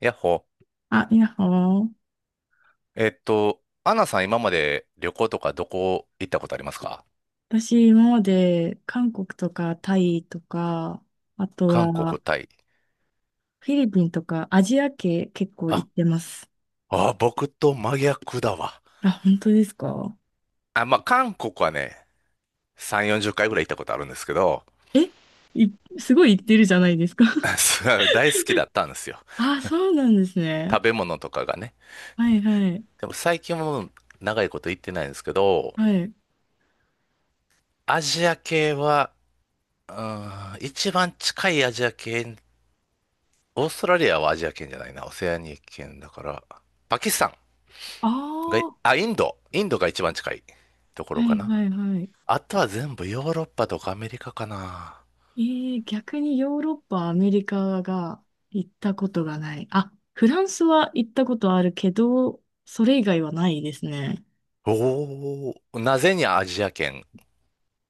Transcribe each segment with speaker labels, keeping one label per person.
Speaker 1: やっほ。
Speaker 2: ほー。
Speaker 1: アンナさん、今まで旅行とかどこ行ったことありますか？
Speaker 2: 私、今まで韓国とかタイとか、あと
Speaker 1: 韓
Speaker 2: は
Speaker 1: 国、タイ。
Speaker 2: フィリピンとかアジア系結構行
Speaker 1: あ、
Speaker 2: ってます。
Speaker 1: 僕と真逆だわ。
Speaker 2: あ、本当ですか？
Speaker 1: あ、まあ、韓国はね、3、40回ぐらい行ったことあるんですけど、
Speaker 2: え、い、すごい行ってるじゃないですか。
Speaker 1: そう大好きだったんですよ。
Speaker 2: あ、そうなんですね。
Speaker 1: 食べ物とかがね。
Speaker 2: はいはい。
Speaker 1: でも最近も長いこと行ってないんですけど、
Speaker 2: はい。
Speaker 1: アジア系は、一番近いアジア圏、オーストラリアはアジア圏じゃないな、オセアニア圏だから、パキスタン。
Speaker 2: あ
Speaker 1: が、
Speaker 2: あ、は
Speaker 1: あ、インド。インドが一番近いところか
Speaker 2: い
Speaker 1: な。
Speaker 2: はいはい。
Speaker 1: あとは全部ヨーロッパとかアメリカかな。
Speaker 2: えー、逆にヨーロッパ、アメリカが行ったことがない。あ、フランスは行ったことあるけど、それ以外はないですね。
Speaker 1: おお、なぜにアジア圏？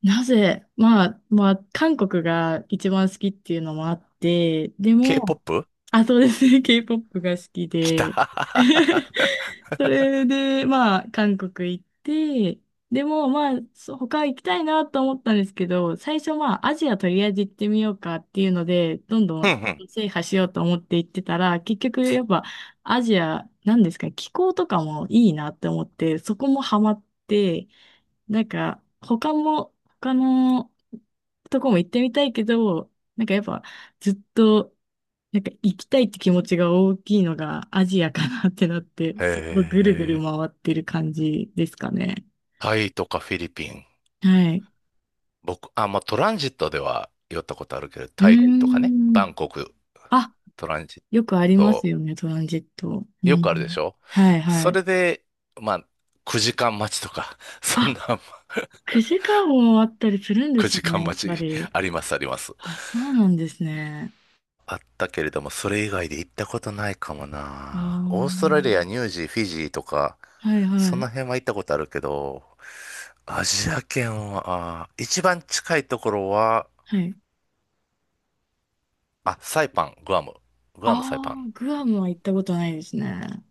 Speaker 2: なぜ、まあ、韓国が一番好きっていうのもあって、でも、
Speaker 1: K-POP？
Speaker 2: あ、そうですね。K-POP が好き
Speaker 1: 来
Speaker 2: で、
Speaker 1: た。
Speaker 2: それで、まあ、韓国行って、でも、まあ、そう他行きたいなと思ったんですけど、最初、まあ、アジアとりあえず行ってみようかっていうので、どん ど
Speaker 1: うんう
Speaker 2: ん
Speaker 1: ん。
Speaker 2: 制覇しようと思って行ってたら、結局、やっぱ、アジア、なんですか、気候とかもいいなって思って、そこもハマって、なんか、他も、他のとこも行ってみたいけど、なんかやっぱずっと、なんか行きたいって気持ちが大きいのがアジアかなってなって、そこ
Speaker 1: へ
Speaker 2: ぐるぐる
Speaker 1: え。
Speaker 2: 回ってる感じですかね。
Speaker 1: タイとかフィリピン。
Speaker 2: はい。
Speaker 1: 僕、あ、まあ、トランジットでは寄ったことあるけど、
Speaker 2: うー
Speaker 1: タイとかね、バ
Speaker 2: ん。
Speaker 1: ンコク、
Speaker 2: あ、
Speaker 1: トランジッ
Speaker 2: よくあります
Speaker 1: ト、
Speaker 2: よね、トランジット。う
Speaker 1: よくあるで
Speaker 2: ん。
Speaker 1: しょ？
Speaker 2: はい、は
Speaker 1: そ
Speaker 2: い。
Speaker 1: れで、まあ、9時間待ちとか、そんな
Speaker 2: あ、9時間もあったりするんです
Speaker 1: 9時
Speaker 2: ね、
Speaker 1: 間
Speaker 2: やっ
Speaker 1: 待
Speaker 2: ぱ
Speaker 1: ち
Speaker 2: り。
Speaker 1: あります、あります。
Speaker 2: あ、そうなんですね。
Speaker 1: あったけれども、それ以外で行ったことないかも
Speaker 2: あ
Speaker 1: な。オーストラリア、
Speaker 2: あ。
Speaker 1: ニュージー、フィジーとか、
Speaker 2: はい、は
Speaker 1: そ
Speaker 2: い。
Speaker 1: の辺は行ったことあるけど、アジア圏は、あー一番近いところは、
Speaker 2: はい。
Speaker 1: あ、サイパン、グアム。グアム、サイパン。
Speaker 2: ああ、グアムは行ったことないですね。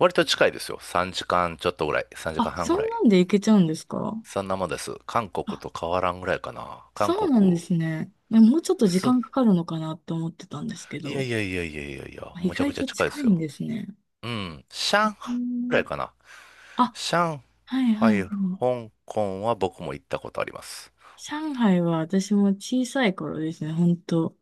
Speaker 1: 割と近いですよ。3時間ちょっとぐらい。3時
Speaker 2: あ、
Speaker 1: 間半
Speaker 2: そ
Speaker 1: ぐら
Speaker 2: んな
Speaker 1: い。
Speaker 2: んで行けちゃうんですか？
Speaker 1: そんなもんです。韓国
Speaker 2: あ、
Speaker 1: と変わらんぐらいかな。韓
Speaker 2: そうなんで
Speaker 1: 国、
Speaker 2: すね。いや、もうちょっと時
Speaker 1: そ、
Speaker 2: 間かかるのかなって思ってたんですけ
Speaker 1: いや
Speaker 2: ど、
Speaker 1: いやいやいやいやいや、
Speaker 2: あ、意
Speaker 1: むちゃ
Speaker 2: 外
Speaker 1: くちゃ
Speaker 2: と
Speaker 1: 近いで
Speaker 2: 近
Speaker 1: す
Speaker 2: いん
Speaker 1: よ。
Speaker 2: ですね。
Speaker 1: うん、上海
Speaker 2: う
Speaker 1: ぐら
Speaker 2: ん。
Speaker 1: いかな。
Speaker 2: あ、
Speaker 1: 上
Speaker 2: はいはい。う
Speaker 1: 海、
Speaker 2: ん。
Speaker 1: 香港は僕も行ったことあります。
Speaker 2: 上海は私も小さい頃ですね、ほんと。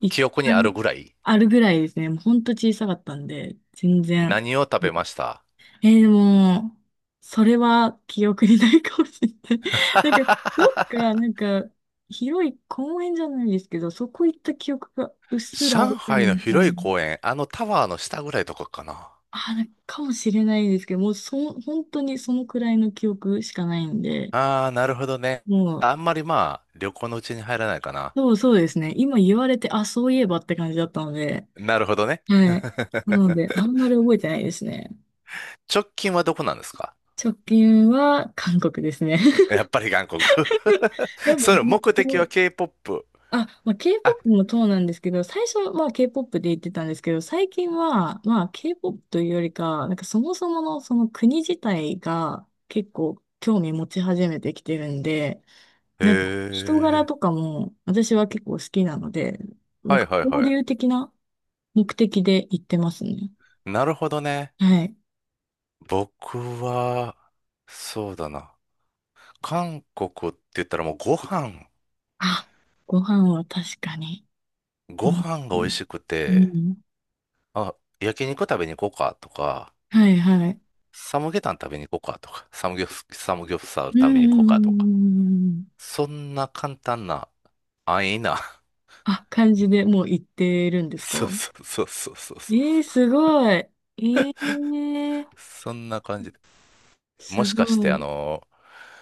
Speaker 2: 一
Speaker 1: 記憶にある
Speaker 2: 回
Speaker 1: ぐらい。
Speaker 2: あるぐらいですね。もうほんと小さかったんで、全然。
Speaker 1: 何を食べました？
Speaker 2: えー、でも、それは記憶にないかもしれない。なんか、どっか、なんか、広い公園じゃないですけど、そこ行った記憶がうっすらある
Speaker 1: 上
Speaker 2: かな、
Speaker 1: 海の
Speaker 2: みたい
Speaker 1: 広
Speaker 2: な。
Speaker 1: い公園、あのタワーの下ぐらいとかかな。
Speaker 2: あ、なんかかもしれないですけど、もうそ、本当にそのくらいの記憶しかないんで、
Speaker 1: あー、なるほどね。
Speaker 2: もう、
Speaker 1: あんまりまあ、旅行のうちに入らないかな。
Speaker 2: そうそうですね。今言われて、あ、そういえばって感じだったので、
Speaker 1: なるほどね。
Speaker 2: はい。な ので、あんまり覚えてないですね。
Speaker 1: 直近はどこなんですか？
Speaker 2: 直近は韓国ですね。
Speaker 1: やっぱり韓国。
Speaker 2: や っぱ
Speaker 1: それ
Speaker 2: ずっ
Speaker 1: 目的は
Speaker 2: と、
Speaker 1: K-POP。
Speaker 2: あ、まあ、
Speaker 1: あ、
Speaker 2: K-POP もそうなんですけど、最初はまあ K-POP で言ってたんですけど、最近はまあ K-POP というよりか、なんかそもそものその国自体が結構興味持ち始めてきてるんで、なんか人
Speaker 1: へ
Speaker 2: 柄と
Speaker 1: え。
Speaker 2: かも私は結構好きなので、なん
Speaker 1: はい
Speaker 2: か
Speaker 1: はい
Speaker 2: 交
Speaker 1: はい。
Speaker 2: 流的な目的で行ってますね。
Speaker 1: なるほどね。
Speaker 2: はい。
Speaker 1: 僕は、そうだな。韓国って言ったらもうご飯、
Speaker 2: あ、ご飯は確かに美
Speaker 1: ご
Speaker 2: 味し
Speaker 1: 飯が美味
Speaker 2: い。
Speaker 1: しく
Speaker 2: う
Speaker 1: て、
Speaker 2: ん。
Speaker 1: あ、焼肉食べに行こうかとか、
Speaker 2: はいはい。
Speaker 1: サムゲタン食べに行こうかとか、サムギョプサル
Speaker 2: う
Speaker 1: 食
Speaker 2: ん。うん
Speaker 1: べ
Speaker 2: う
Speaker 1: に行こう
Speaker 2: ん
Speaker 1: かとか、
Speaker 2: うんうん。
Speaker 1: そんな簡単な、安易な、
Speaker 2: あ、感じでもう行ってるんで すか？
Speaker 1: そうそうそうそうそうそ
Speaker 2: ええ、
Speaker 1: う、
Speaker 2: すごい。ええ、
Speaker 1: そんな感じで。も
Speaker 2: す
Speaker 1: しかし
Speaker 2: ご
Speaker 1: て、あ
Speaker 2: い。
Speaker 1: の、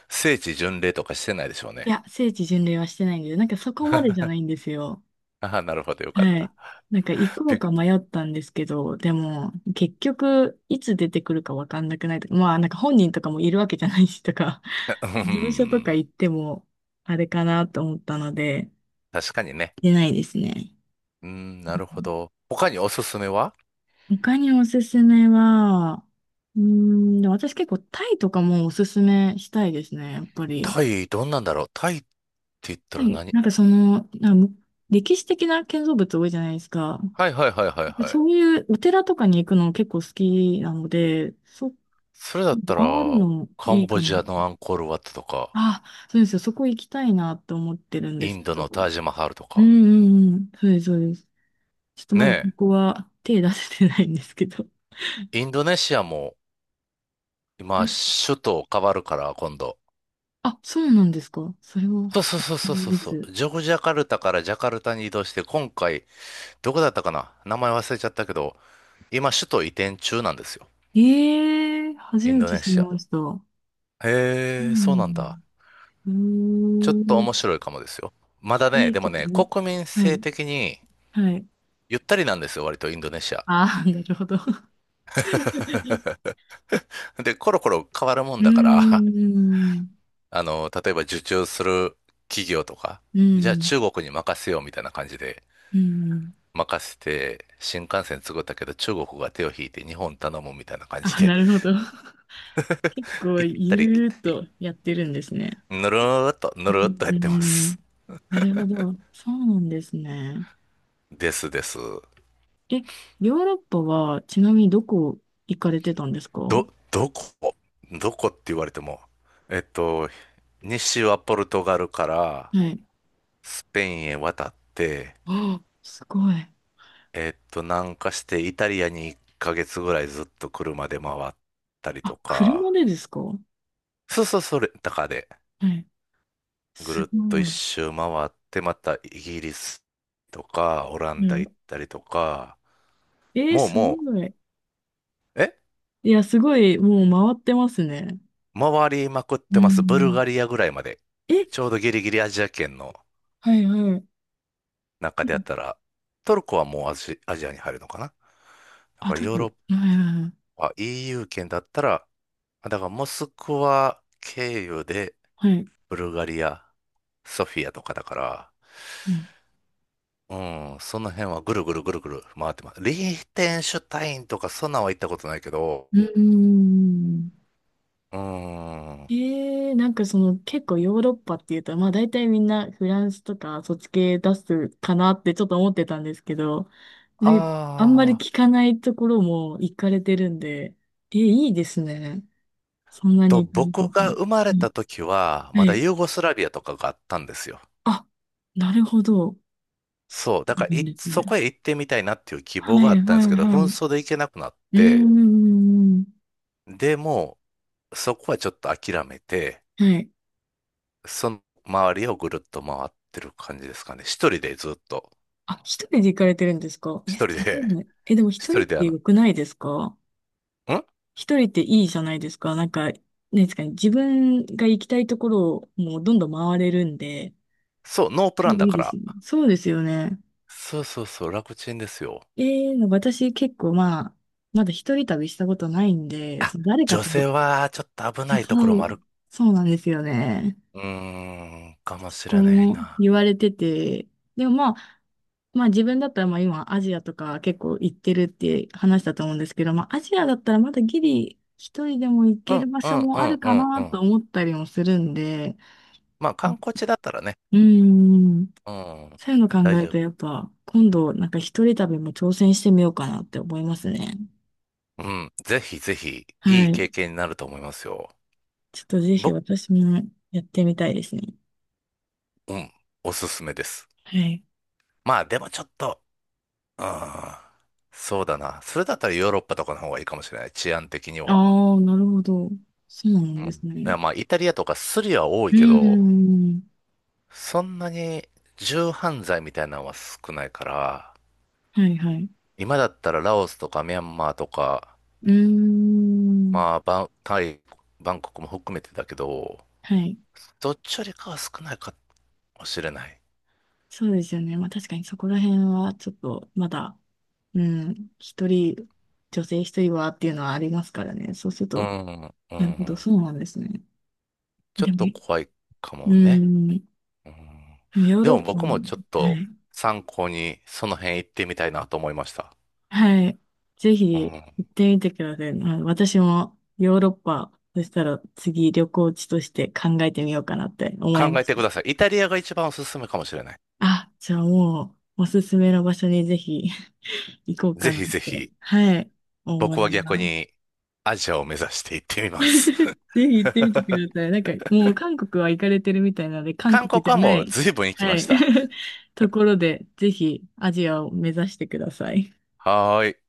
Speaker 1: 聖地巡礼とかしてないでしょう
Speaker 2: い
Speaker 1: ね。
Speaker 2: や、聖地巡礼はしてないんで、なんかそこまでじゃないんですよ。
Speaker 1: ああ、なるほど、よかっ
Speaker 2: はい。
Speaker 1: た。
Speaker 2: なんか行こ
Speaker 1: び
Speaker 2: う
Speaker 1: っ
Speaker 2: か迷ったんですけど、でも、結局、いつ出てくるかわかんなくないとか、まあ、なんか本人とかもいるわけじゃないしとか、
Speaker 1: う
Speaker 2: 事務所とか
Speaker 1: ん、
Speaker 2: 行っても、あれかなと思ったので、
Speaker 1: 確かにね。
Speaker 2: 出ないですね。
Speaker 1: うん、なるほど。他におすすめは？
Speaker 2: 他におすすめは、うーん、でも私結構タイとかもおすすめしたいですね、やっぱり。
Speaker 1: タイ、どんなんだろう。タイって言った
Speaker 2: は
Speaker 1: ら
Speaker 2: い、
Speaker 1: 何？
Speaker 2: なんか、歴史的な建造物多いじゃないですか。
Speaker 1: はいはいはいはい
Speaker 2: で、
Speaker 1: はい。
Speaker 2: そういうお寺とかに行くの結構好きなので、
Speaker 1: それだった
Speaker 2: 回る
Speaker 1: ら、
Speaker 2: の
Speaker 1: カ
Speaker 2: い
Speaker 1: ン
Speaker 2: い
Speaker 1: ボ
Speaker 2: かな。
Speaker 1: ジアのアンコールワットとか、
Speaker 2: あ、そうですよ。そこ行きたいなって思ってるんで
Speaker 1: イ
Speaker 2: す
Speaker 1: ン
Speaker 2: け
Speaker 1: ド
Speaker 2: ど。
Speaker 1: の
Speaker 2: う
Speaker 1: タ
Speaker 2: ん
Speaker 1: ージマハルと
Speaker 2: う
Speaker 1: か。
Speaker 2: んうん。そうです、そうです。ちょっとま
Speaker 1: ね
Speaker 2: だここは手出せてないんですけど。
Speaker 1: えインドネシアも、今、
Speaker 2: あ、
Speaker 1: 首都変わるから、今度。
Speaker 2: あ、そうなんですか。それは、
Speaker 1: そうそうそうそう
Speaker 2: いい
Speaker 1: そう
Speaker 2: で
Speaker 1: そ
Speaker 2: す。
Speaker 1: う。ジョグジャカルタからジャカルタに移動して、今回、どこだったかな名前忘れちゃったけど、今、首都移転中なんですよ。
Speaker 2: ええ、初
Speaker 1: イン
Speaker 2: め
Speaker 1: ド
Speaker 2: て
Speaker 1: ネ
Speaker 2: 知り
Speaker 1: シア。
Speaker 2: ました。そうな
Speaker 1: へえ、そうなん
Speaker 2: んだ。
Speaker 1: だ。
Speaker 2: うー
Speaker 1: ちょっと面
Speaker 2: ん。
Speaker 1: 白いかもですよ。まだ
Speaker 2: え
Speaker 1: ね、
Speaker 2: え、
Speaker 1: で
Speaker 2: ち
Speaker 1: も
Speaker 2: ょっと、
Speaker 1: ね、国民
Speaker 2: は
Speaker 1: 性
Speaker 2: い、
Speaker 1: 的に、
Speaker 2: はい。
Speaker 1: ゆったりなんですよ、割とインドネシア。
Speaker 2: ああ、なるほど。う
Speaker 1: で、コロコロ変わるもん
Speaker 2: ー
Speaker 1: だから、
Speaker 2: ん、
Speaker 1: あの、例えば受注する企業とか、
Speaker 2: う
Speaker 1: じゃあ
Speaker 2: ん、
Speaker 1: 中国に任せようみたいな感じで、
Speaker 2: うん。
Speaker 1: 任せて、新幹線作ったけど中国が手を引いて日本頼むみたいな感じ
Speaker 2: あ、
Speaker 1: で、
Speaker 2: なるほど。結構、
Speaker 1: 行った
Speaker 2: ゆる
Speaker 1: り来た
Speaker 2: ーっ
Speaker 1: り、
Speaker 2: とやってるんですね。
Speaker 1: ぬ
Speaker 2: う
Speaker 1: るーっ
Speaker 2: ん、
Speaker 1: とやっ
Speaker 2: う
Speaker 1: てま
Speaker 2: ん、
Speaker 1: す。
Speaker 2: なるほど。そうなんですね。
Speaker 1: ですです。
Speaker 2: え、ヨーロッパは、ちなみにどこ行かれてたんですか？は
Speaker 1: ど、どこどこって言われても、えっと、西はポルトガルから
Speaker 2: い。
Speaker 1: スペインへ渡って、
Speaker 2: ああ、すごい。
Speaker 1: 南下してイタリアに1ヶ月ぐらいずっと車で回ったりと
Speaker 2: あ、車
Speaker 1: か、
Speaker 2: でですか？は
Speaker 1: そうそう、それ、タカで
Speaker 2: い。
Speaker 1: ぐる
Speaker 2: す
Speaker 1: っと
Speaker 2: ご
Speaker 1: 一
Speaker 2: い。
Speaker 1: 周回って、またイギリスとか、オランダ
Speaker 2: ね、
Speaker 1: 行ったりとか、
Speaker 2: えー、
Speaker 1: もう
Speaker 2: すご
Speaker 1: も
Speaker 2: い。
Speaker 1: う、え
Speaker 2: いや、すごい、もう回ってますね。
Speaker 1: 回りまくっ
Speaker 2: う
Speaker 1: てます。ブル
Speaker 2: ん。
Speaker 1: ガリアぐらいまで。
Speaker 2: え、
Speaker 1: ちょうどギリギリアジア圏の
Speaker 2: はいはい。
Speaker 1: 中でやったら、トルコはもうアジアに入るのかな？だ
Speaker 2: あ、
Speaker 1: から
Speaker 2: 多
Speaker 1: ヨーロ
Speaker 2: 分、
Speaker 1: ッ
Speaker 2: はいは
Speaker 1: パ、EU 圏だったら、だからモスクワ経由で、
Speaker 2: いはい。はい。
Speaker 1: ブルガリア、ソフィアとかだから、
Speaker 2: うん。
Speaker 1: うん、その辺はぐるぐるぐるぐる回ってます。リーテンシュタインとかそんなんは行ったことないけど、
Speaker 2: うーん。
Speaker 1: うん、あ
Speaker 2: えー、なんかその、結構ヨーロッパっていうと、まあ大体みんなフランスとかそっち系出すかなってちょっと思ってたんですけど、で、あんまり
Speaker 1: あ、
Speaker 2: 聞かないところも行かれてるんで、えー、いいですね。そんな
Speaker 1: と、
Speaker 2: に行かれて
Speaker 1: 僕が
Speaker 2: て。
Speaker 1: 生まれ
Speaker 2: はい。
Speaker 1: た時は、ま
Speaker 2: は
Speaker 1: だ
Speaker 2: い、
Speaker 1: ユーゴスラビアとかがあったんですよ。
Speaker 2: あ、なるほど。そ
Speaker 1: そう、だ
Speaker 2: う
Speaker 1: か
Speaker 2: な
Speaker 1: ら
Speaker 2: ん
Speaker 1: い、
Speaker 2: です
Speaker 1: そ
Speaker 2: ね。
Speaker 1: こへ行ってみたいなっていう希望
Speaker 2: は
Speaker 1: が
Speaker 2: い、
Speaker 1: あったんで
Speaker 2: は
Speaker 1: す
Speaker 2: い、
Speaker 1: けど、
Speaker 2: は
Speaker 1: 紛
Speaker 2: い。
Speaker 1: 争で行けなくなっ
Speaker 2: う
Speaker 1: て、
Speaker 2: ん、ん。
Speaker 1: でも、そこはちょっと諦めて、
Speaker 2: はい。
Speaker 1: その周りをぐるっと回ってる感じですかね。一人でずっと、
Speaker 2: あ、一人で行かれてるんですか？え、
Speaker 1: 一
Speaker 2: す
Speaker 1: 人
Speaker 2: ごい
Speaker 1: で
Speaker 2: ね。え、でも
Speaker 1: 一
Speaker 2: 一人っ
Speaker 1: 人で
Speaker 2: て
Speaker 1: あの、
Speaker 2: 良くないですか？
Speaker 1: ん
Speaker 2: 一人っていいじゃないですか。なんですかね。自分が行きたいところをもうどんどん回れるんで、
Speaker 1: そう、ノープランだ
Speaker 2: いい
Speaker 1: か
Speaker 2: です
Speaker 1: ら。
Speaker 2: よね。そうですよね。
Speaker 1: そうそうそう、楽ちんですよ。
Speaker 2: えー、なんか私結構まあ、まだ一人旅したことないんで、
Speaker 1: あ、
Speaker 2: その誰か
Speaker 1: 女
Speaker 2: と、
Speaker 1: 性はちょっと危
Speaker 2: そ
Speaker 1: ないところも
Speaker 2: う、
Speaker 1: ある。
Speaker 2: そうなんですよね。
Speaker 1: うーん、かもし
Speaker 2: こ
Speaker 1: れない
Speaker 2: う
Speaker 1: な。
Speaker 2: 言われてて、でもまあ、まあ自分だったらまあ今アジアとか結構行ってるって話だと思うんですけど、まあアジアだったらまだギリ一人でも行
Speaker 1: う
Speaker 2: ける
Speaker 1: ん、
Speaker 2: 場
Speaker 1: う
Speaker 2: 所
Speaker 1: ん、
Speaker 2: も
Speaker 1: う
Speaker 2: ある
Speaker 1: ん、う
Speaker 2: か
Speaker 1: ん、う
Speaker 2: なと
Speaker 1: ん。
Speaker 2: 思ったりもするんで、
Speaker 1: まあ、観光地だったらね。
Speaker 2: うん、
Speaker 1: うん、
Speaker 2: そういうの考
Speaker 1: 大
Speaker 2: える
Speaker 1: 丈
Speaker 2: と
Speaker 1: 夫。
Speaker 2: やっぱ今度なんか一人旅も挑戦してみようかなって思いますね。
Speaker 1: うん、ぜひぜひ、い
Speaker 2: は
Speaker 1: い
Speaker 2: い。
Speaker 1: 経験になると思いますよ。
Speaker 2: ちょっとぜひ
Speaker 1: 僕、
Speaker 2: 私もやってみたいですね。
Speaker 1: うん、おすすめです。
Speaker 2: はい。
Speaker 1: まあ、でもちょっと、うん、そうだな。それだったらヨーロッパとかの方がいいかもしれない。治安的には。
Speaker 2: ああ、なるほど。そうな
Speaker 1: う
Speaker 2: んで
Speaker 1: んい
Speaker 2: すね。
Speaker 1: や、まあ、イタリアとかスリは多い
Speaker 2: う
Speaker 1: けど、
Speaker 2: ん。
Speaker 1: そんなに重犯罪みたいなのは少ないから、
Speaker 2: はいはい。
Speaker 1: 今だったらラオスとかミャンマーとか、
Speaker 2: うー
Speaker 1: ま
Speaker 2: ん。
Speaker 1: あ、タイ、バンコクも含めてだけど、
Speaker 2: はい。
Speaker 1: どっちよりかは少ないかもしれない。
Speaker 2: そうですよね。まあ確かにそこら辺はちょっとまだ、うん、女性一人はっていうのはありますからね。そうする
Speaker 1: う
Speaker 2: と、
Speaker 1: ん、う
Speaker 2: なるほど、
Speaker 1: ん。
Speaker 2: そうなんですね。
Speaker 1: ちょっ
Speaker 2: でも、
Speaker 1: と怖いか
Speaker 2: う
Speaker 1: もね。
Speaker 2: ん、
Speaker 1: うん。
Speaker 2: ヨー
Speaker 1: で
Speaker 2: ロ
Speaker 1: も
Speaker 2: ッパ
Speaker 1: 僕
Speaker 2: も、
Speaker 1: もちょっ
Speaker 2: は
Speaker 1: と
Speaker 2: い。
Speaker 1: 参考にその辺行ってみたいなと思いました。
Speaker 2: はい。ぜ
Speaker 1: う
Speaker 2: ひ
Speaker 1: ん。
Speaker 2: 行ってみてください。はい、私もヨーロッパ、そしたら次旅行地として考えてみようかなって思い
Speaker 1: 考
Speaker 2: ま
Speaker 1: え
Speaker 2: し
Speaker 1: て
Speaker 2: た。
Speaker 1: ください。イタリアが一番おすすめかもしれない。
Speaker 2: あ、じゃあもう、おすすめの場所にぜひ。行こうか
Speaker 1: ぜ
Speaker 2: なっ
Speaker 1: ひぜ
Speaker 2: て、
Speaker 1: ひ、
Speaker 2: はい、思い
Speaker 1: 僕は逆
Speaker 2: ます。
Speaker 1: にアジアを目指して行ってみ
Speaker 2: ぜ
Speaker 1: ます。
Speaker 2: ひ行ってみてください。なんか、もう韓国は行かれてるみたいなので、韓
Speaker 1: 韓
Speaker 2: 国
Speaker 1: 国
Speaker 2: じゃ
Speaker 1: は
Speaker 2: な
Speaker 1: もう
Speaker 2: い、
Speaker 1: 随分行き
Speaker 2: は
Speaker 1: ま
Speaker 2: い、
Speaker 1: した。
Speaker 2: ところで、ぜひアジアを目指してください。
Speaker 1: はーい。